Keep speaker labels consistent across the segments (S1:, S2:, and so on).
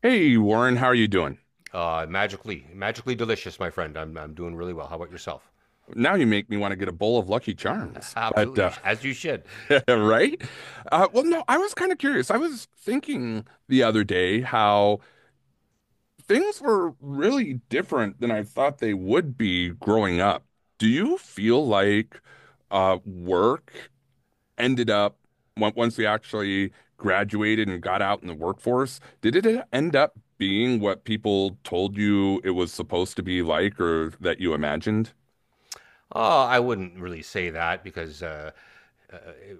S1: Hey Warren, how are you doing?
S2: Magically, magically delicious, my friend. I'm doing really well. How about yourself?
S1: Now you make me want to get a bowl of Lucky Charms. But
S2: Absolutely, as you should.
S1: right? Well, no, I was kind of curious. I was thinking the other day how things were really different than I thought they would be growing up. Do you feel like work ended up once we actually graduated and got out in the workforce, did it end up being what people told you it was supposed to be like or that you imagined?
S2: Oh, I wouldn't really say that because, uh,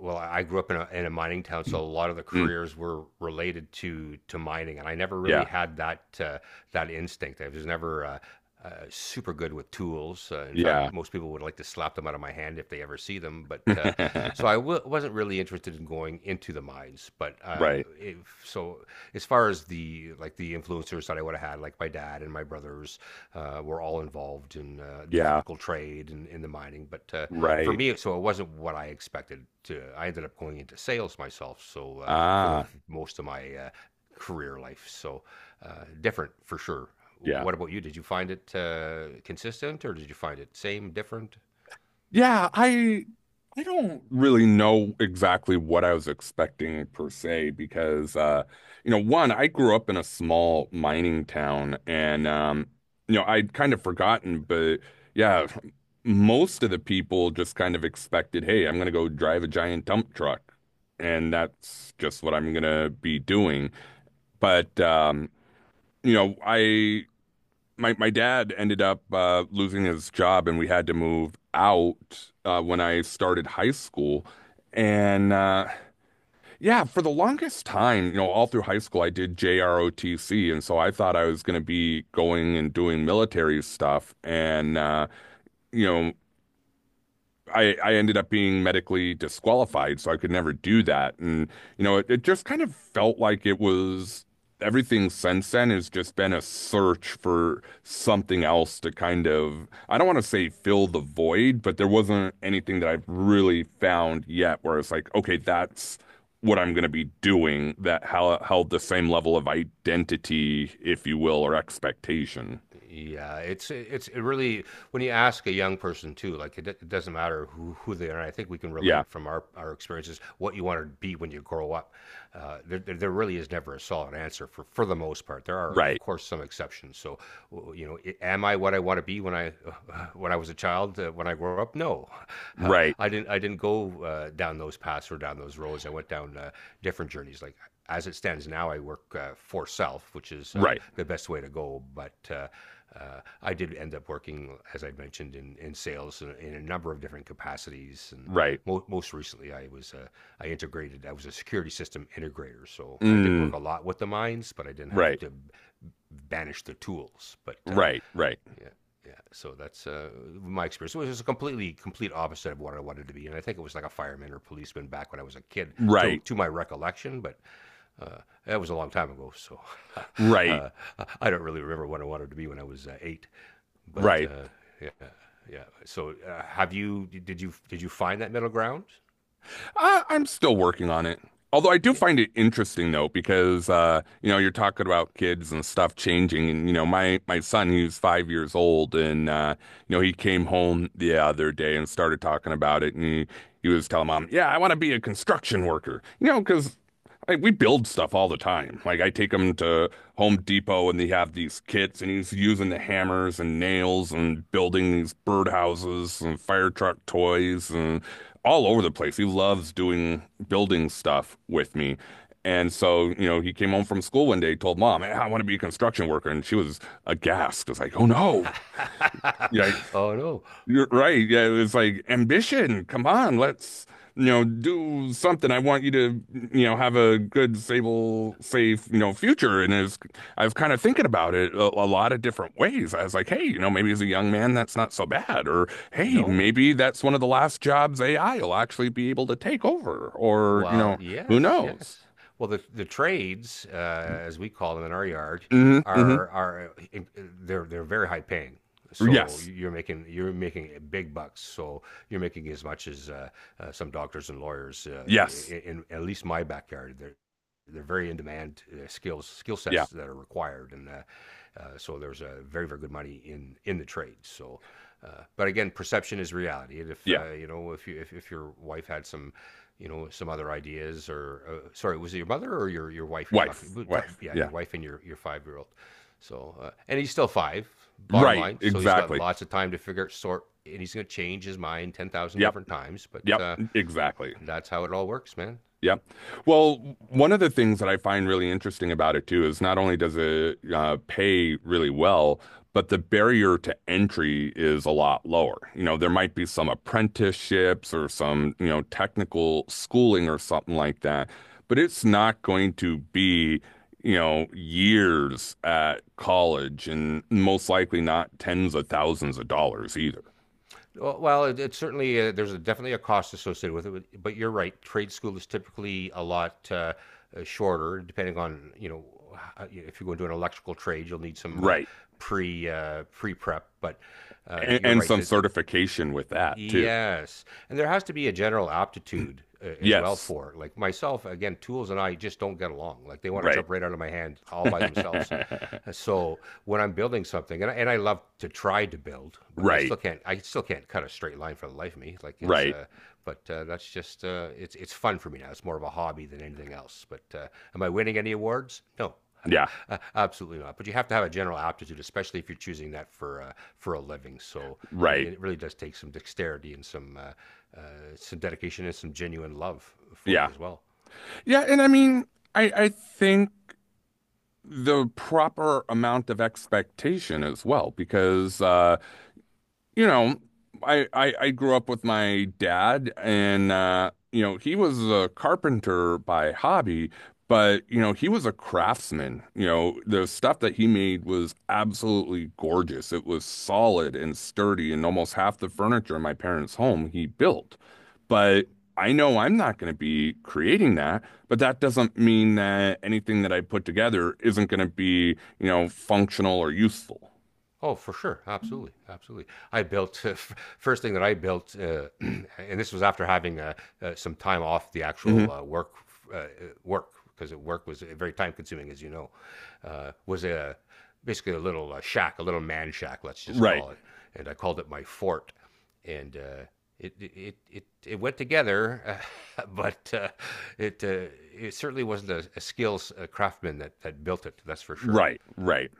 S2: I grew up in a mining town, so a
S1: Mm.
S2: lot of the careers were related to mining, and I never really
S1: Yeah.
S2: had that that instinct. I was never super good with tools. In fact,
S1: Yeah.
S2: most people would like to slap them out of my hand if they ever see them. But so I wasn't really interested in going into the mines. But
S1: Right.
S2: if, so as far as the influencers that I would have had, like my dad and my brothers, were all involved in the
S1: Yeah.
S2: electrical trade and in the mining. But for
S1: Right.
S2: me, so it wasn't what I expected. To I ended up going into sales myself. So for the
S1: Ah,
S2: most of my career life, so different for sure.
S1: yeah.
S2: What about you? Did you find it consistent, or did you find it same, different?
S1: Yeah, I don't really know exactly what I was expecting per se, because one, I grew up in a small mining town, and I'd kind of forgotten. But yeah, most of the people just kind of expected, "Hey, I'm going to go drive a giant dump truck." And that's just what I'm going to be doing. But I, my dad ended up losing his job, and we had to move out when I started high school. And yeah, for the longest time, all through high school, I did JROTC, and so I thought I was going to be going and doing military stuff. And you know, I ended up being medically disqualified, so I could never do that. And, it just kind of felt like it was everything since then has just been a search for something else to kind of, I don't want to say fill the void, but there wasn't anything that I've really found yet where it's like, okay, that's what I'm going to be doing that held the same level of identity, if you will, or expectation.
S2: It really when you ask a young person too, like it doesn't matter who they are. I think we can
S1: Yeah.
S2: relate from our experiences what you want to be when you grow up. There really is never a solid answer for the most part. There are of
S1: Right.
S2: course some exceptions. So you know, am I what I want to be when I when I was a child? When I grew up, no,
S1: Right.
S2: I didn't go down those paths or down those roads. I went down different journeys. Like as it stands now, I work for self, which is
S1: Right.
S2: the best way to go. But I did end up working, as I mentioned, in sales in a number of different capacities, and
S1: Right.
S2: most recently, I integrated. I was a security system integrator, so I did work
S1: Mm,
S2: a lot with the mines, but I didn't have
S1: right.
S2: to banish the tools. But
S1: Right, right,
S2: yeah, yeah. So that's my experience. It was a completely complete opposite of what I wanted to be, and I think it was like a fireman or policeman back when I was a kid, to
S1: right,
S2: my recollection. But uh, that was a long time ago, so
S1: right,
S2: uh, I don't really remember what I wanted to be when I was eight, but
S1: right.
S2: yeah, yeah. So, have you did you did you find that middle ground?
S1: I'm still working on it. Although I do find it interesting though, because you're talking about kids and stuff changing, and my son, he's 5 years old, and he came home the other day and started talking about it, and he was telling mom, "Yeah, I want to be a construction worker," because like, we build stuff all the time. Like I take him to Home Depot, and they have these kits, and he's using the hammers and nails and building these birdhouses and fire truck toys and all over the place. He loves doing building stuff with me. And so, he came home from school one day, told mom, "Eh, I want to be a construction worker." And she was aghast. It was like, oh no. Yeah,
S2: Oh no,
S1: you're right. Yeah, it was like ambition. Come on, let's, do something. I want you to, have a good, stable, safe, future. And it's, I was kind of thinking about it a lot of different ways. I was like, hey, maybe as a young man, that's not so bad. Or hey,
S2: no.
S1: maybe that's one of the last jobs AI will actually be able to take over. Or,
S2: Well,
S1: who
S2: yes,
S1: knows?
S2: yes. Well, the trades, as we call them in our yard,
S1: Hmm, hmm.
S2: are are uh, in- they're very high paying. So
S1: Yes.
S2: you're making big bucks. So you're making as much as some doctors and lawyers
S1: Yes.
S2: in, at least my backyard. They're very in demand skill
S1: Yeah.
S2: sets that are required, and so there's a very good money in the trades. So, but again, perception is reality. And if
S1: Yeah.
S2: you know if you if your wife had some you know, some other ideas or sorry, was it your mother or your wife you're talking
S1: Wife.
S2: to?
S1: Wife.
S2: Yeah,
S1: Yeah.
S2: your wife and your 5 year old. So and he's still five. Bottom
S1: Right.
S2: line, so he's got
S1: Exactly.
S2: lots of time to figure out, sort, and he's gonna change his mind 10,000
S1: Yep.
S2: different times. But
S1: Yep. Exactly.
S2: that's how it all works, man.
S1: Yeah. Well, one of the things that I find really interesting about it too is not only does it pay really well, but the barrier to entry is a lot lower. There might be some apprenticeships or some, technical schooling or something like that, but it's not going to be, years at college and most likely not tens of thousands of dollars either.
S2: It's certainly there's a, definitely a cost associated with it, but you're right. Trade school is typically a lot shorter, depending on you know if you go into an electrical trade, you'll need some
S1: Right.
S2: pre prep. But
S1: And,
S2: you're
S1: and
S2: right
S1: some
S2: that
S1: certification with that too.
S2: yes, and there has to be a general aptitude as well
S1: Yes.
S2: for it. Like myself. Again, tools and I just don't get along. Like they want to
S1: Right.
S2: jump right out of my hand all by themselves. So when I'm building something, and I love to try to build, but I
S1: Right,
S2: still can't. I still can't cut a straight line for the life of me. Like it's,
S1: right.
S2: but that's just it's fun for me now. It's more of a hobby than anything else. But am I winning any awards? No,
S1: Yeah,
S2: absolutely not. But you have to have a general aptitude, especially if you're choosing that for a living. So
S1: right.
S2: it really does take some dexterity and some dedication and some genuine love for
S1: Yeah.
S2: it as well.
S1: Yeah, and I mean, I think the proper amount of expectation as well, because you know, I grew up with my dad, and he was a carpenter by hobby, but he was a craftsman. The stuff that he made was absolutely gorgeous. It was solid and sturdy, and almost half the furniture in my parents' home he built. But I know I'm not going to be creating that, but that doesn't mean that anything that I put together isn't going to be, functional or useful.
S2: Oh, for sure. Absolutely. Absolutely. I built, f first thing that I built, and this was after having some time off the
S1: Hmm.
S2: actual uh, uh, work, because work was very time consuming, as you know, was a, basically a little shack, a little man shack, let's just
S1: Right,
S2: call it. And I called it my fort. And it went together, uh, but uh, it, uh, it certainly wasn't a skills craftsman that built it, that's for sure.
S1: right, right.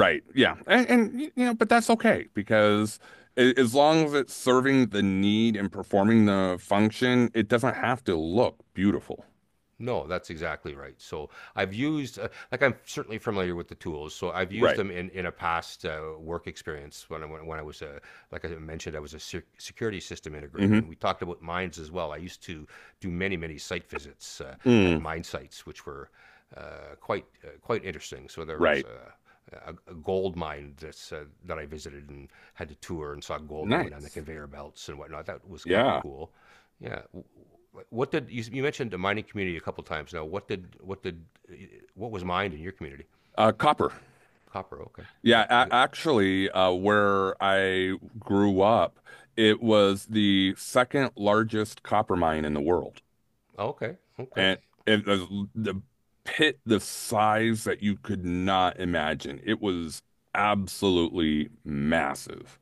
S2: Yeah.
S1: Yeah. And but that's okay because as long as it's serving the need and performing the function, it doesn't have to look beautiful.
S2: No, that's exactly right. So I've used, like I'm certainly familiar with the tools. So I've used
S1: Right.
S2: them in a past work experience when when I was a, like I mentioned, I was a security system integrator,
S1: Hmm.
S2: and we talked about mines as well. I used to do many site visits at
S1: Mm,
S2: mine sites, which were quite interesting. So there was
S1: right.
S2: a gold mine that I visited and had to tour and saw gold going down the
S1: Nice.
S2: conveyor belts and whatnot. That was kind of
S1: Yeah.
S2: cool. Yeah. What did you, you mentioned the mining community a couple times now? What was mined in your community?
S1: Copper.
S2: Copper. Okay.
S1: Yeah,
S2: Yeah.
S1: a actually, where I grew up, it was the second largest copper mine in the world.
S2: Okay. Okay.
S1: And it was the pit, the size that you could not imagine. It was absolutely massive.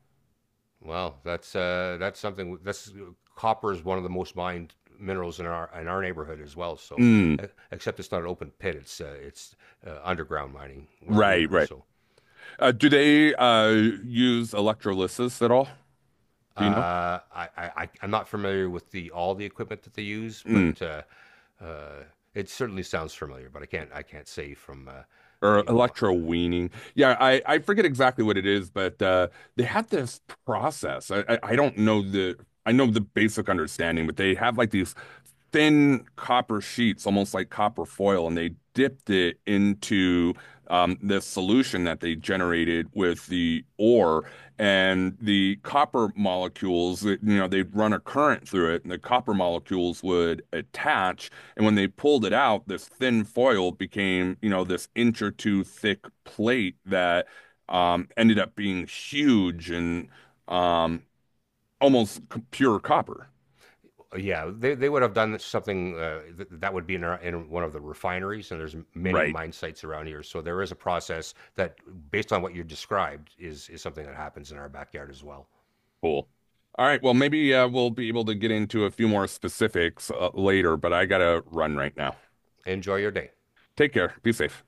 S2: Well, that's something. That's copper is one of the most mined minerals in our neighborhood as well. So,
S1: Mm,
S2: e- except it's not an open pit. It's underground mining where we
S1: right,
S2: are.
S1: right.
S2: So
S1: Do they use electrolysis at all? Do you know?
S2: I am not familiar with the all the equipment that they use, but
S1: Mm,
S2: uh, it certainly sounds familiar. But I can't say from uh,
S1: or
S2: you know my,
S1: electroweaning? Yeah, I forget exactly what it is, but they had this process. I don't know the I know the basic understanding, but they have like these thin copper sheets, almost like copper foil, and they dipped it into this solution that they generated with the ore. And the copper molecules, they'd run a current through it, and the copper molecules would attach. And when they pulled it out, this thin foil became, this inch or two thick plate that ended up being huge and um, almost pure copper.
S2: yeah they would have done something that would be in one of the refineries and there's many
S1: Right.
S2: mine sites around here, so there is a process that based on what you described is something that happens in our backyard as well.
S1: Cool. All right. Well, maybe we'll be able to get into a few more specifics later, but I gotta run right now.
S2: Enjoy your day.
S1: Take care. Be safe.